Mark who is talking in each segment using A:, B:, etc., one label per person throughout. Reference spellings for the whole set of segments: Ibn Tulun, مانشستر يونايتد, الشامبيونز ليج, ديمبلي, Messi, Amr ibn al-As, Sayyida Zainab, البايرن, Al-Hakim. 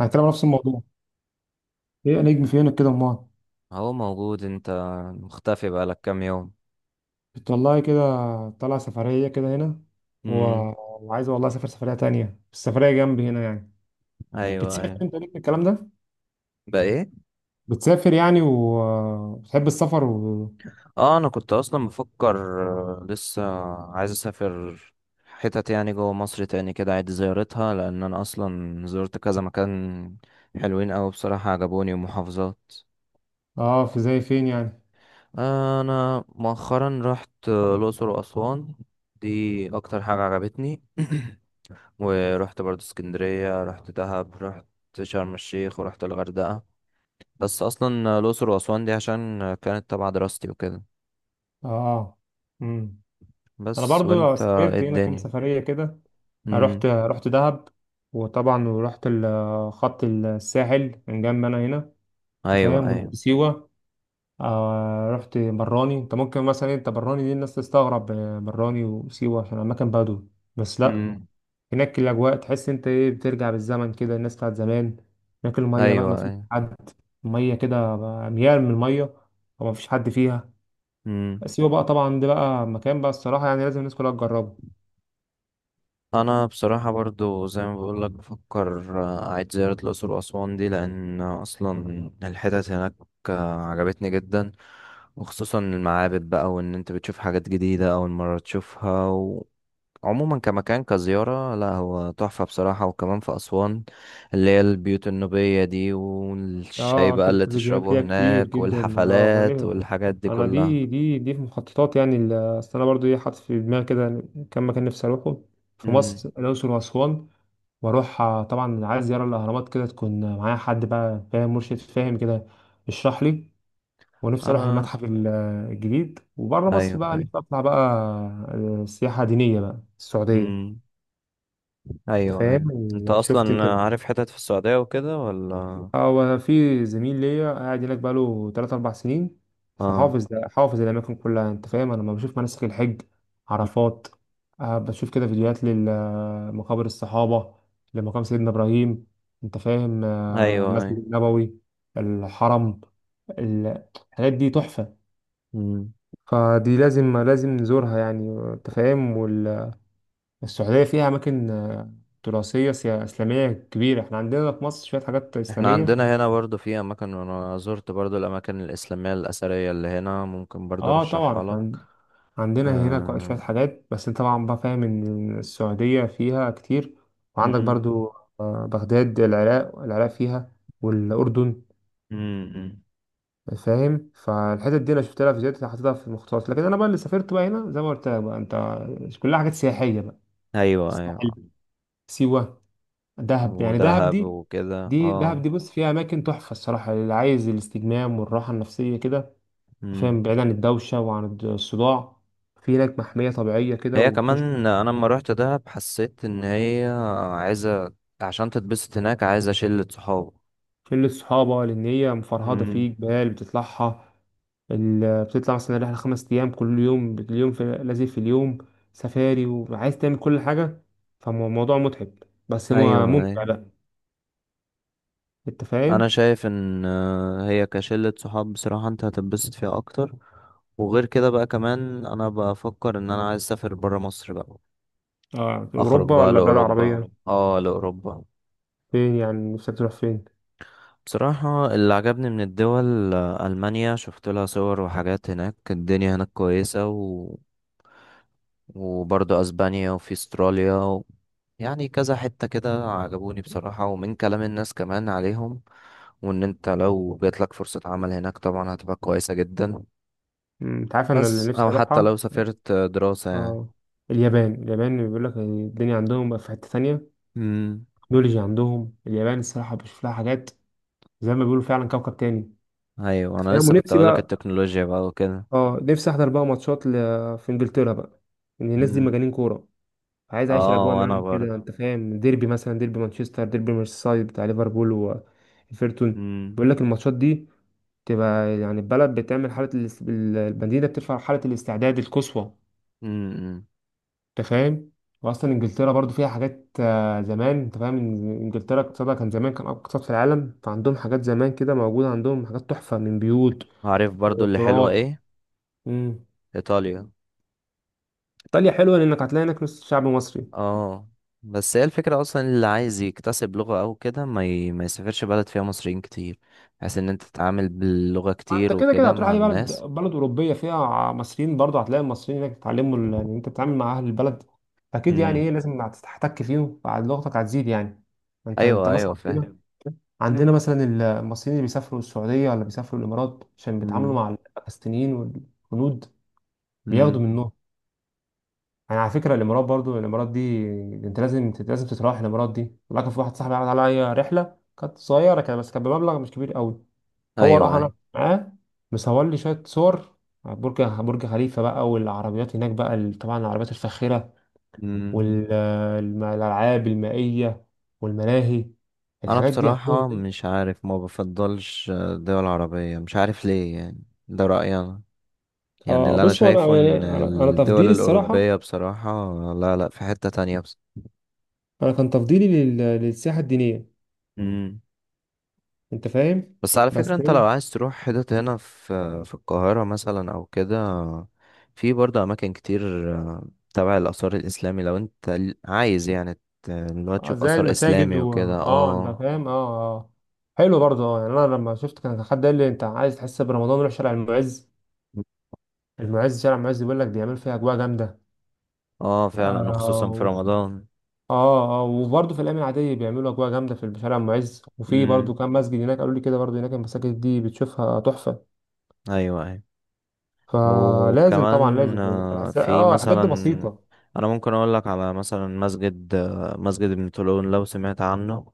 A: هنتكلم عن نفس الموضوع. ايه نجم في عينك كده امال؟
B: هو موجود؟ انت مختفي بقالك كام يوم.
A: بتطلعي كده؟ طالعه سفريه كده هنا، و...
B: امم.
A: وعايزه والله اسافر سفريه تانية، السفريه جنبي هنا يعني.
B: ايوه،
A: بتسافر
B: ايوه.
A: انت، ليك في الكلام ده؟
B: بقى ايه؟
A: بتسافر يعني وبتحب السفر.
B: اه، انا كنت اصلا بفكر. لسه عايز اسافر حتت يعني جوه مصر تاني كده عيد زيارتها، لان انا اصلا زرت كذا مكان حلوين اوي بصراحة عجبوني، ومحافظات.
A: اه، في زي فين يعني؟
B: انا مؤخرا رحت الاقصر واسوان. دي اكتر حاجة عجبتني. ورحت برضه اسكندرية، رحت دهب، رحت شرم الشيخ، ورحت الغردقة. بس اصلا الاقصر واسوان دي عشان كانت تبع دراستي وكده.
A: اه، امم انا
B: بس
A: برضو
B: وانت ايه
A: سافرت هنا كام
B: الدنيا؟
A: سفريه كده. رحت
B: امم.
A: رحت دهب، وطبعا ورحت خط الساحل من جنب انا هنا، انت
B: ايوه،
A: فاهم،
B: ايوه.
A: ورحت سيوه. رحت براني، انت ممكن مثلا انت براني دي الناس تستغرب، براني وسيوة عشان اماكن بدو، بس لا.
B: امم.
A: هناك الاجواء تحس انت ايه، بترجع بالزمن كده، الناس بتاعت زمان. هناك الميه بقى ما
B: ايوه،
A: فيش
B: ايوه.
A: حد، الميه كده بقى اميال من الميه، وما فيش حد فيها.
B: امم.
A: سيوة بقى طبعا ده بقى مكان بقى الصراحه يعني لازم الناس كلها تجربه.
B: انا بصراحه برضو زي ما بقول لك بفكر اعيد زياره الاقصر واسوان دي، لان اصلا الحتت هناك عجبتني جدا. وخصوصا المعابد بقى، وان انت بتشوف حاجات جديده اول مره تشوفها. عموما كمكان كزيارة، لا هو تحفة بصراحة. وكمان في أسوان اللي هي البيوت النوبية دي، والشاي
A: اه،
B: بقى
A: شفت
B: اللي
A: فيديوهات
B: تشربه
A: ليها كتير
B: هناك،
A: جدا، اه.
B: والحفلات والحاجات دي
A: انا
B: كلها.
A: دي في مخططات يعني. اصل انا برضو ايه حاطط في دماغي كده كم مكان نفسي اروحه في مصر،
B: امم.
A: الاقصر واسوان. واروح، طبعا عايز زياره الاهرامات كده تكون معايا حد بقى فاهم، مرشد فاهم كده يشرح لي. ونفسي اروح
B: أنا.
A: المتحف الجديد. وبره مصر
B: أيوه،
A: بقى نفسي
B: أيوه.
A: اطلع بقى، سياحه دينيه بقى، السعوديه.
B: امم.
A: أنت
B: أيوه،
A: فاهم؟
B: أيوه. أنت
A: شفت
B: أصلا
A: انت.
B: عارف حتت في السعودية وكده ولا؟
A: اه، وانا في زميل ليا قاعد هناك بقاله 3 4 سنين،
B: آه.
A: فحافظ ده حافظ الاماكن كلها. انت فاهم، انا لما بشوف مناسك الحج، عرفات، بشوف كده فيديوهات لمقابر الصحابه، لمقام سيدنا ابراهيم، انت فاهم،
B: أيوه،
A: المسجد
B: أيوه.
A: النبوي، الحرم ال- الحاجات دي تحفه،
B: امم.
A: فدي لازم نزورها يعني، انت فاهم. والسعوديه فيها اماكن، تراثيه اسلاميه كبيره. احنا عندنا في مصر شويه حاجات
B: احنا
A: اسلاميه.
B: عندنا هنا برضو في اماكن، وانا زرت برضو الاماكن الاسلاميه الاثريه اللي هنا، ممكن برضو
A: اه طبعا
B: ارشحها لك.
A: احنا عندنا هنا شوية
B: آه.
A: حاجات، بس انت طبعا بقى فاهم ان السعودية فيها كتير. وعندك برضو، بغداد، العراق فيها، والأردن،
B: امم.
A: فاهم. فالحتت دي انا شفت لها فيديوهات حاططها في المخطوطات، لكن انا بقى اللي سافرت بقى هنا زي ما قلت لك بقى، انت، كلها حاجات سياحية بقى:
B: ايوه، ايوه.
A: الساحل، سيوة، دهب. يعني دهب
B: ودهب
A: دي،
B: وكده،
A: دي دهب
B: اه.
A: دي، بص فيها اماكن تحفة الصراحة، اللي عايز الاستجمام والراحة النفسية كده، فاهم،
B: امم.
A: بعيد عن الدوشة وعن الصداع. في هناك محمية طبيعية كده
B: هي كمان،
A: وتخش.
B: انا لما روحت دهب حسيت ان هي عايزه عشان تتبسط هناك عايزه شله صحاب.
A: شلة صحابة، لأن هي مفرهدة في
B: امم.
A: جبال بتطلعها. بتطلع مثلا رحلة 5 أيام، كل يوم اليوم في لازم في اليوم سفاري، وعايز تعمل كل حاجة، فالموضوع متعب، بس هو
B: ايوه، ايوه.
A: ممتع بقى. أنت
B: انا
A: فاهم؟
B: شايف ان هي كشله صحاب بصراحه انت هتتبسط فيها اكتر. وغير كده بقى كمان انا بفكر ان انا عايز اسافر برا مصر بقى،
A: آه،
B: اخرج
A: أوروبا
B: بقى
A: ولا بلاد
B: لاوروبا،
A: عربية؟
B: اه، لاوروبا.
A: فين يعني نفسك تروح، فين؟
B: بصراحة اللي عجبني من الدول ألمانيا، شفت لها صور وحاجات هناك الدنيا هناك كويسة، وبرضه أسبانيا، وفي أستراليا، يعني كذا حتة كده عجبوني بصراحة، ومن كلام الناس كمان عليهم. وإن أنت لو جاتلك فرصة عمل هناك طبعا هتبقى كويسة جدا.
A: أنت عارف أنا اللي
B: بس أو
A: نفسي
B: حتى
A: أروحها.
B: لو سافرت دراسة يعني.
A: آه اليابان بيقول لك الدنيا عندهم بقى في حتة تانية.
B: امم.
A: التكنولوجيا عندهم، اليابان الصراحة بشوف لها حاجات زي ما بيقولوا، فعلا كوكب تاني.
B: أيوة أنا
A: تمام.
B: لسه كنت
A: ونفسي
B: أقولك
A: بقى،
B: التكنولوجيا بقى وكده.
A: اه، نفسي احضر بقى ماتشات في انجلترا بقى. ان الناس دي
B: امم.
A: مجانين كوره، عايز اعيش
B: اه،
A: الاجواء
B: وأنا
A: معاهم كده.
B: برضه.
A: انت فاهم، ديربي مثلا، ديربي مانشستر، ديربي ميرسيسايد بتاع ليفربول وايفرتون، بيقول لك الماتشات دي تبقى يعني البلد بتعمل حاله المدينه بترفع حاله الاستعداد القصوى،
B: امم.
A: انت فاهم. واصلا انجلترا برضو فيها حاجات، زمان انت فاهم، إن انجلترا اقتصادها كان زمان، كان اقوى اقتصاد في العالم، فعندهم حاجات زمان كده موجوده. عندهم حاجات تحفه من بيوت
B: عارف برضو اللي حلوة
A: وقطارات فعلا.
B: ايه؟
A: مم.
B: ايطاليا.
A: ايطاليا حلوه لانك هتلاقي هناك نص شعب مصري.
B: اه. بس هي الفكرة اصلا اللي عايز يكتسب لغة او كده ما يسافرش بلد فيها مصريين كتير، بحيث ان انت تتعامل باللغة
A: فانت
B: كتير
A: كده كده
B: وكده
A: هتروح
B: مع
A: اي بلد
B: الناس.
A: بلد اوروبيه فيها مصريين، برضه هتلاقي المصريين هناك بيتعلموا، ان انت بتتعامل مع اهل البلد اكيد يعني، ايه،
B: امم.
A: لازم هتحتك فيهم فلغتك هتزيد يعني. انت
B: ايوه، ايوه،
A: مثلا
B: فاهم.
A: عندنا، عندنا مثلا المصريين اللي بيسافروا السعوديه ولا بيسافروا الامارات عشان بيتعاملوا
B: امم.
A: مع الباكستينيين والهنود، بياخدوا
B: امم.
A: منهم. يعني على فكره، الامارات، برضو الامارات دي انت لازم تتراوح الامارات دي. لكن في واحد صاحبي عمل عليا رحله كانت صغيره كده، بس كانت بمبلغ مش كبير قوي، هو راح
B: ايوه،
A: انا
B: ايوه.
A: معاه، مصور لي شويه صور على برج خليفه بقى، والعربيات هناك بقى، طبعا العربيات الفاخره،
B: امم.
A: والالعاب المائيه، والملاهي.
B: انا
A: الحاجات دي عندهم.
B: بصراحة مش عارف، ما بفضلش دول عربية، مش عارف ليه، يعني ده رأيي انا. يعني
A: اه،
B: اللي انا
A: بص، هو انا
B: شايفه
A: يعني
B: ان
A: انا
B: الدول
A: تفضيلي الصراحه،
B: الأوروبية بصراحة لا لا، في حتة تانية.
A: انا كان تفضيلي للسياحه الدينيه،
B: بس.
A: انت فاهم.
B: بس على فكرة
A: بس
B: انت لو
A: ايه،
B: عايز تروح حتت هنا في القاهرة مثلا او كده، في برضه اماكن كتير تبع الاثار الاسلامي، لو انت عايز يعني اللي هو تشوف
A: زي
B: اثار
A: المساجد
B: اسلامي
A: و
B: وكده.
A: اه انت
B: اه.
A: فاهم. اه اه، حلو برضه، يعني انا لما شفت كان حد قال لي انت عايز تحس برمضان روح شارع المعز. المعز، شارع المعز بيقول لك بيعمل فيها اجواء جامده.
B: اه، فعلا
A: اه،
B: وخصوصا في رمضان.
A: اه اه، وبرضه في الايام العاديه بيعملوا اجواء جامده في شارع ام عز، وفي برضه
B: امم.
A: كام مسجد هناك قالوا لي كده برضه، هناك المساجد دي بتشوفها تحفه.
B: ايوه، ايوه.
A: فلازم طبعا لازم،
B: وكمان في
A: الحاجات
B: مثلا،
A: دي بسيطه.
B: انا ممكن اقول لك على مثلا مسجد مسجد ابن طولون، لو سمعت عنه.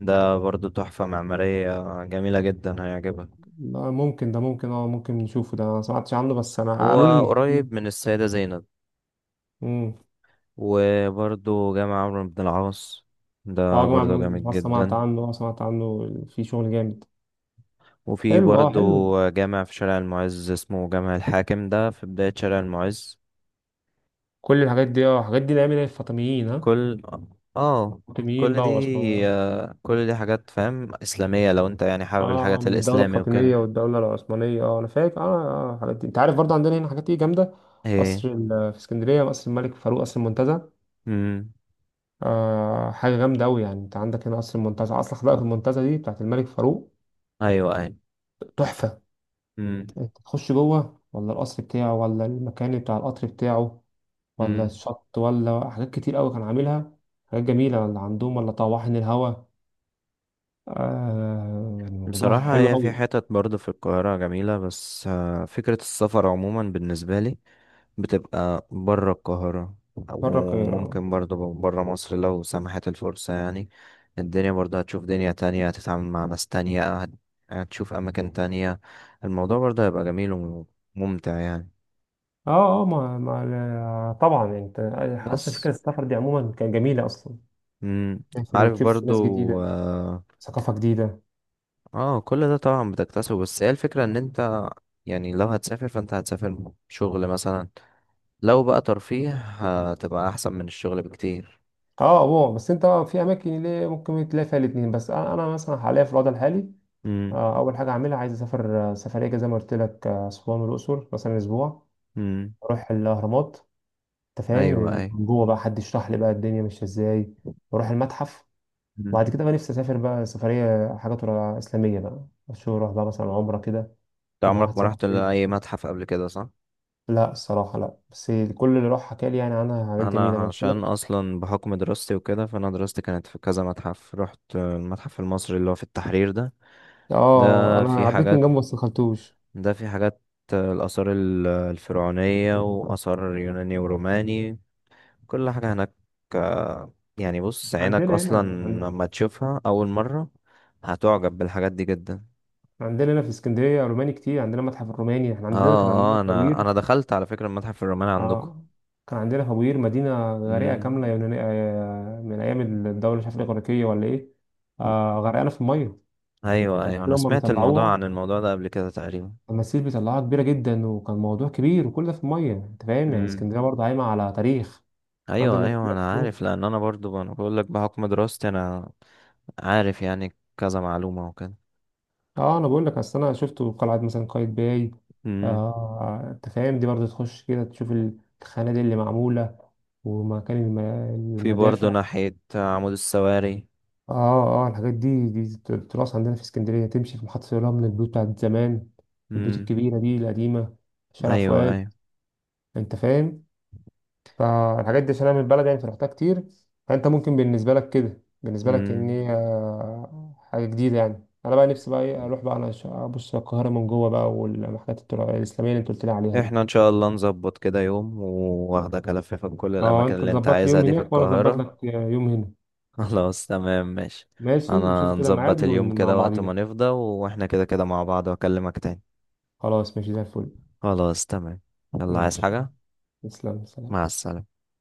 B: ده برضه تحفة معمارية جميلة جدا، هيعجبك.
A: لا، ممكن ده، ممكن نشوفه ده، أنا ما سمعتش عنه، بس انا قالوا لي
B: هو
A: ان في.
B: قريب من السيدة زينب.
A: امم
B: وبرضه جامع عمرو بن العاص،
A: اه،
B: ده
A: يا جماعه
B: برضه جامد
A: سمعت
B: جدا.
A: عنه، اه سمعت عنه في شغل جامد.
B: وفي
A: حلو اه
B: برضه
A: حلو
B: جامع في شارع المعز اسمه جامع الحاكم، ده في بداية شارع المعز.
A: كل الحاجات دي، الحاجات دي نعمل ايه، الفاطميين، ها؟
B: كل اه
A: الفاطميين
B: كل
A: بقى،
B: دي
A: واسمه،
B: آه، كل دي حاجات فاهم إسلامية، لو انت يعني حابب
A: اه،
B: الحاجات
A: من الدولة
B: الإسلامي
A: الفاطمية
B: وكده.
A: والدولة العثمانية. اه، انا فاكر، اه اه، الحاجات دي، انت عارف برضه عندنا هنا حاجات ايه جامدة.
B: ايه.
A: قصر في اسكندرية، قصر الملك فاروق، قصر المنتزه،
B: امم.
A: حاجة جامدة أوي يعني. انت عندك هنا قصر المنتزه، اصل حدائق المنتزه دي بتاعت الملك فاروق،
B: ايوه، ايوه.
A: تحفة.
B: امم.
A: انت تخش جوه ولا القصر بتاعه، ولا المكان بتاع القطر بتاعه، ولا
B: امم.
A: الشط، ولا حاجات كتير أوي كان عاملها حاجات جميلة، ولا عندهم ولا طواحن الهوا. يعني الموضوع
B: بصراحة
A: حلو
B: هي في
A: أوي.
B: حتت برضه في القاهرة جميلة، بس فكرة السفر عموما بالنسبة لي بتبقى بره القاهرة،
A: مرة القاهرة.
B: وممكن برضه بره مصر لو سمحت الفرصة يعني. الدنيا برضه هتشوف دنيا تانية، هتتعامل مع ناس تانية، هتشوف أماكن تانية. الموضوع برضه هيبقى جميل وممتع يعني.
A: اه اه، ما طبعا يعني، انت اصلا
B: بس.
A: فكره السفر دي عموما كانت جميله اصلا،
B: مم.
A: تسافر
B: عارف
A: وتشوف
B: برضه.
A: ناس جديده،
B: اه.
A: ثقافه جديده.
B: كل ده طبعا بتكتسبه، بس هي الفكرة ان انت يعني لو هتسافر فانت هتسافر شغل مثلا، لو بقى ترفيه هتبقى احسن من الشغل بكتير.
A: اه، هو بس انت في اماكن اللي ممكن تلاقي فيها الاثنين. بس انا، مثلا حاليا في الوضع الحالي،
B: مم.
A: اول حاجه اعملها، عايز اسافر، سفريه كده زي ما قلت لك، اسوان والاقصر مثلا اسبوع،
B: مم.
A: اروح الاهرامات، انت فاهم، من
B: ايوه، اي.
A: من جوه بقى حد يشرح لي بقى الدنيا ماشيه ازاي، واروح المتحف. وبعد كده بقى نفسي اسافر بقى سفريه حاجات اسلاميه بقى، اشوف، اروح بقى مثلا عمره كده
B: انت
A: مع
B: عمرك
A: واحد
B: ما رحت
A: صاحبي.
B: لأي متحف قبل كده، صح؟
A: لا، الصراحة لا، بس كل اللي راح حكى لي يعني عنها حاجات
B: أنا
A: جميلة، أنا قلت
B: عشان
A: لك.
B: أصلا بحكم دراستي وكده، فأنا دراستي كانت في كذا متحف. رحت المتحف المصري اللي هو في التحرير ده. ده
A: أنا
B: فيه
A: عديت من
B: حاجات
A: جنبه بس مدخلتوش.
B: ده فيه حاجات الآثار الفرعونية وآثار يوناني وروماني، كل حاجة هناك. يعني بص عينك
A: عندنا هنا
B: أصلا لما تشوفها أول مرة هتعجب بالحاجات دي جدا.
A: عندنا هنا في اسكندرية روماني كتير، عندنا متحف الروماني. إحنا عندنا
B: اه. اه، انا انا دخلت على فكرة المتحف الروماني
A: آه كان عندنا فوير مدينة غريقة
B: عندكم.
A: كاملة يونانية، من أيام الدولة مش عارف الإغريقية ولا إيه، غرقانة في المية.
B: ايوه، ايوه.
A: تماثيل
B: انا
A: هما
B: سمعت الموضوع عن
A: بيطلعوها،
B: الموضوع ده قبل كده تقريبا.
A: تماثيل بيطلعوها كبيرة جدا، وكان موضوع كبير، وكل ده في المية. أنت فاهم، يعني
B: امم.
A: اسكندرية برضه قايمة على تاريخ. عندك
B: ايوه،
A: دلوقتي كتير.
B: ايوه، انا عارف، لان انا برضو انا بقول لك بحكم دراستي انا عارف يعني كذا معلومه وكده.
A: اه، انا بقول لك، اصل انا شفته في قلعه مثلا، قايتباي.
B: امم.
A: انت فاهم، دي برضه تخش كده تشوف الخنادق اللي معموله، ومكان
B: في برضو
A: المدافع.
B: ناحيه عمود السواري.
A: اه اه، الحاجات دي، تراث عندنا في اسكندريه. تمشي في محطه الرمل البيوت بتاعت زمان، البيوت
B: امم.
A: الكبيره دي القديمه، شارع
B: ايوه،
A: فؤاد،
B: ايوه.
A: انت فاهم. فالحاجات دي عشان انا من البلد يعني فرحتها كتير، فانت ممكن بالنسبه لك كده، بالنسبه لك، ان
B: امم.
A: هي حاجه جديده يعني. انا بقى نفسي بقى ايه، اروح بقى انا ابص على القاهره من جوه بقى، والمحلات الاسلاميه اللي انت قلت لي عليها دي.
B: احنا ان شاء الله نظبط كده يوم واخدك الففك كل
A: اه،
B: الاماكن
A: انت
B: اللي انت
A: تظبط لي
B: عايزها
A: يوم
B: دي في
A: هناك وانا اظبط
B: القاهره.
A: لك يوم هنا.
B: خلاص تمام، ماشي.
A: ماشي،
B: انا
A: نشوف كده ميعاد
B: نظبط اليوم
A: مع
B: كده وقت ما
A: بعضينا.
B: نفضى، واحنا كده كده مع بعض، واكلمك تاني.
A: خلاص، ماشي، زي الفل.
B: خلاص تمام. يلا، عايز
A: ماشي يلا.
B: حاجة؟
A: تسلم، سلام.
B: مع السلامة.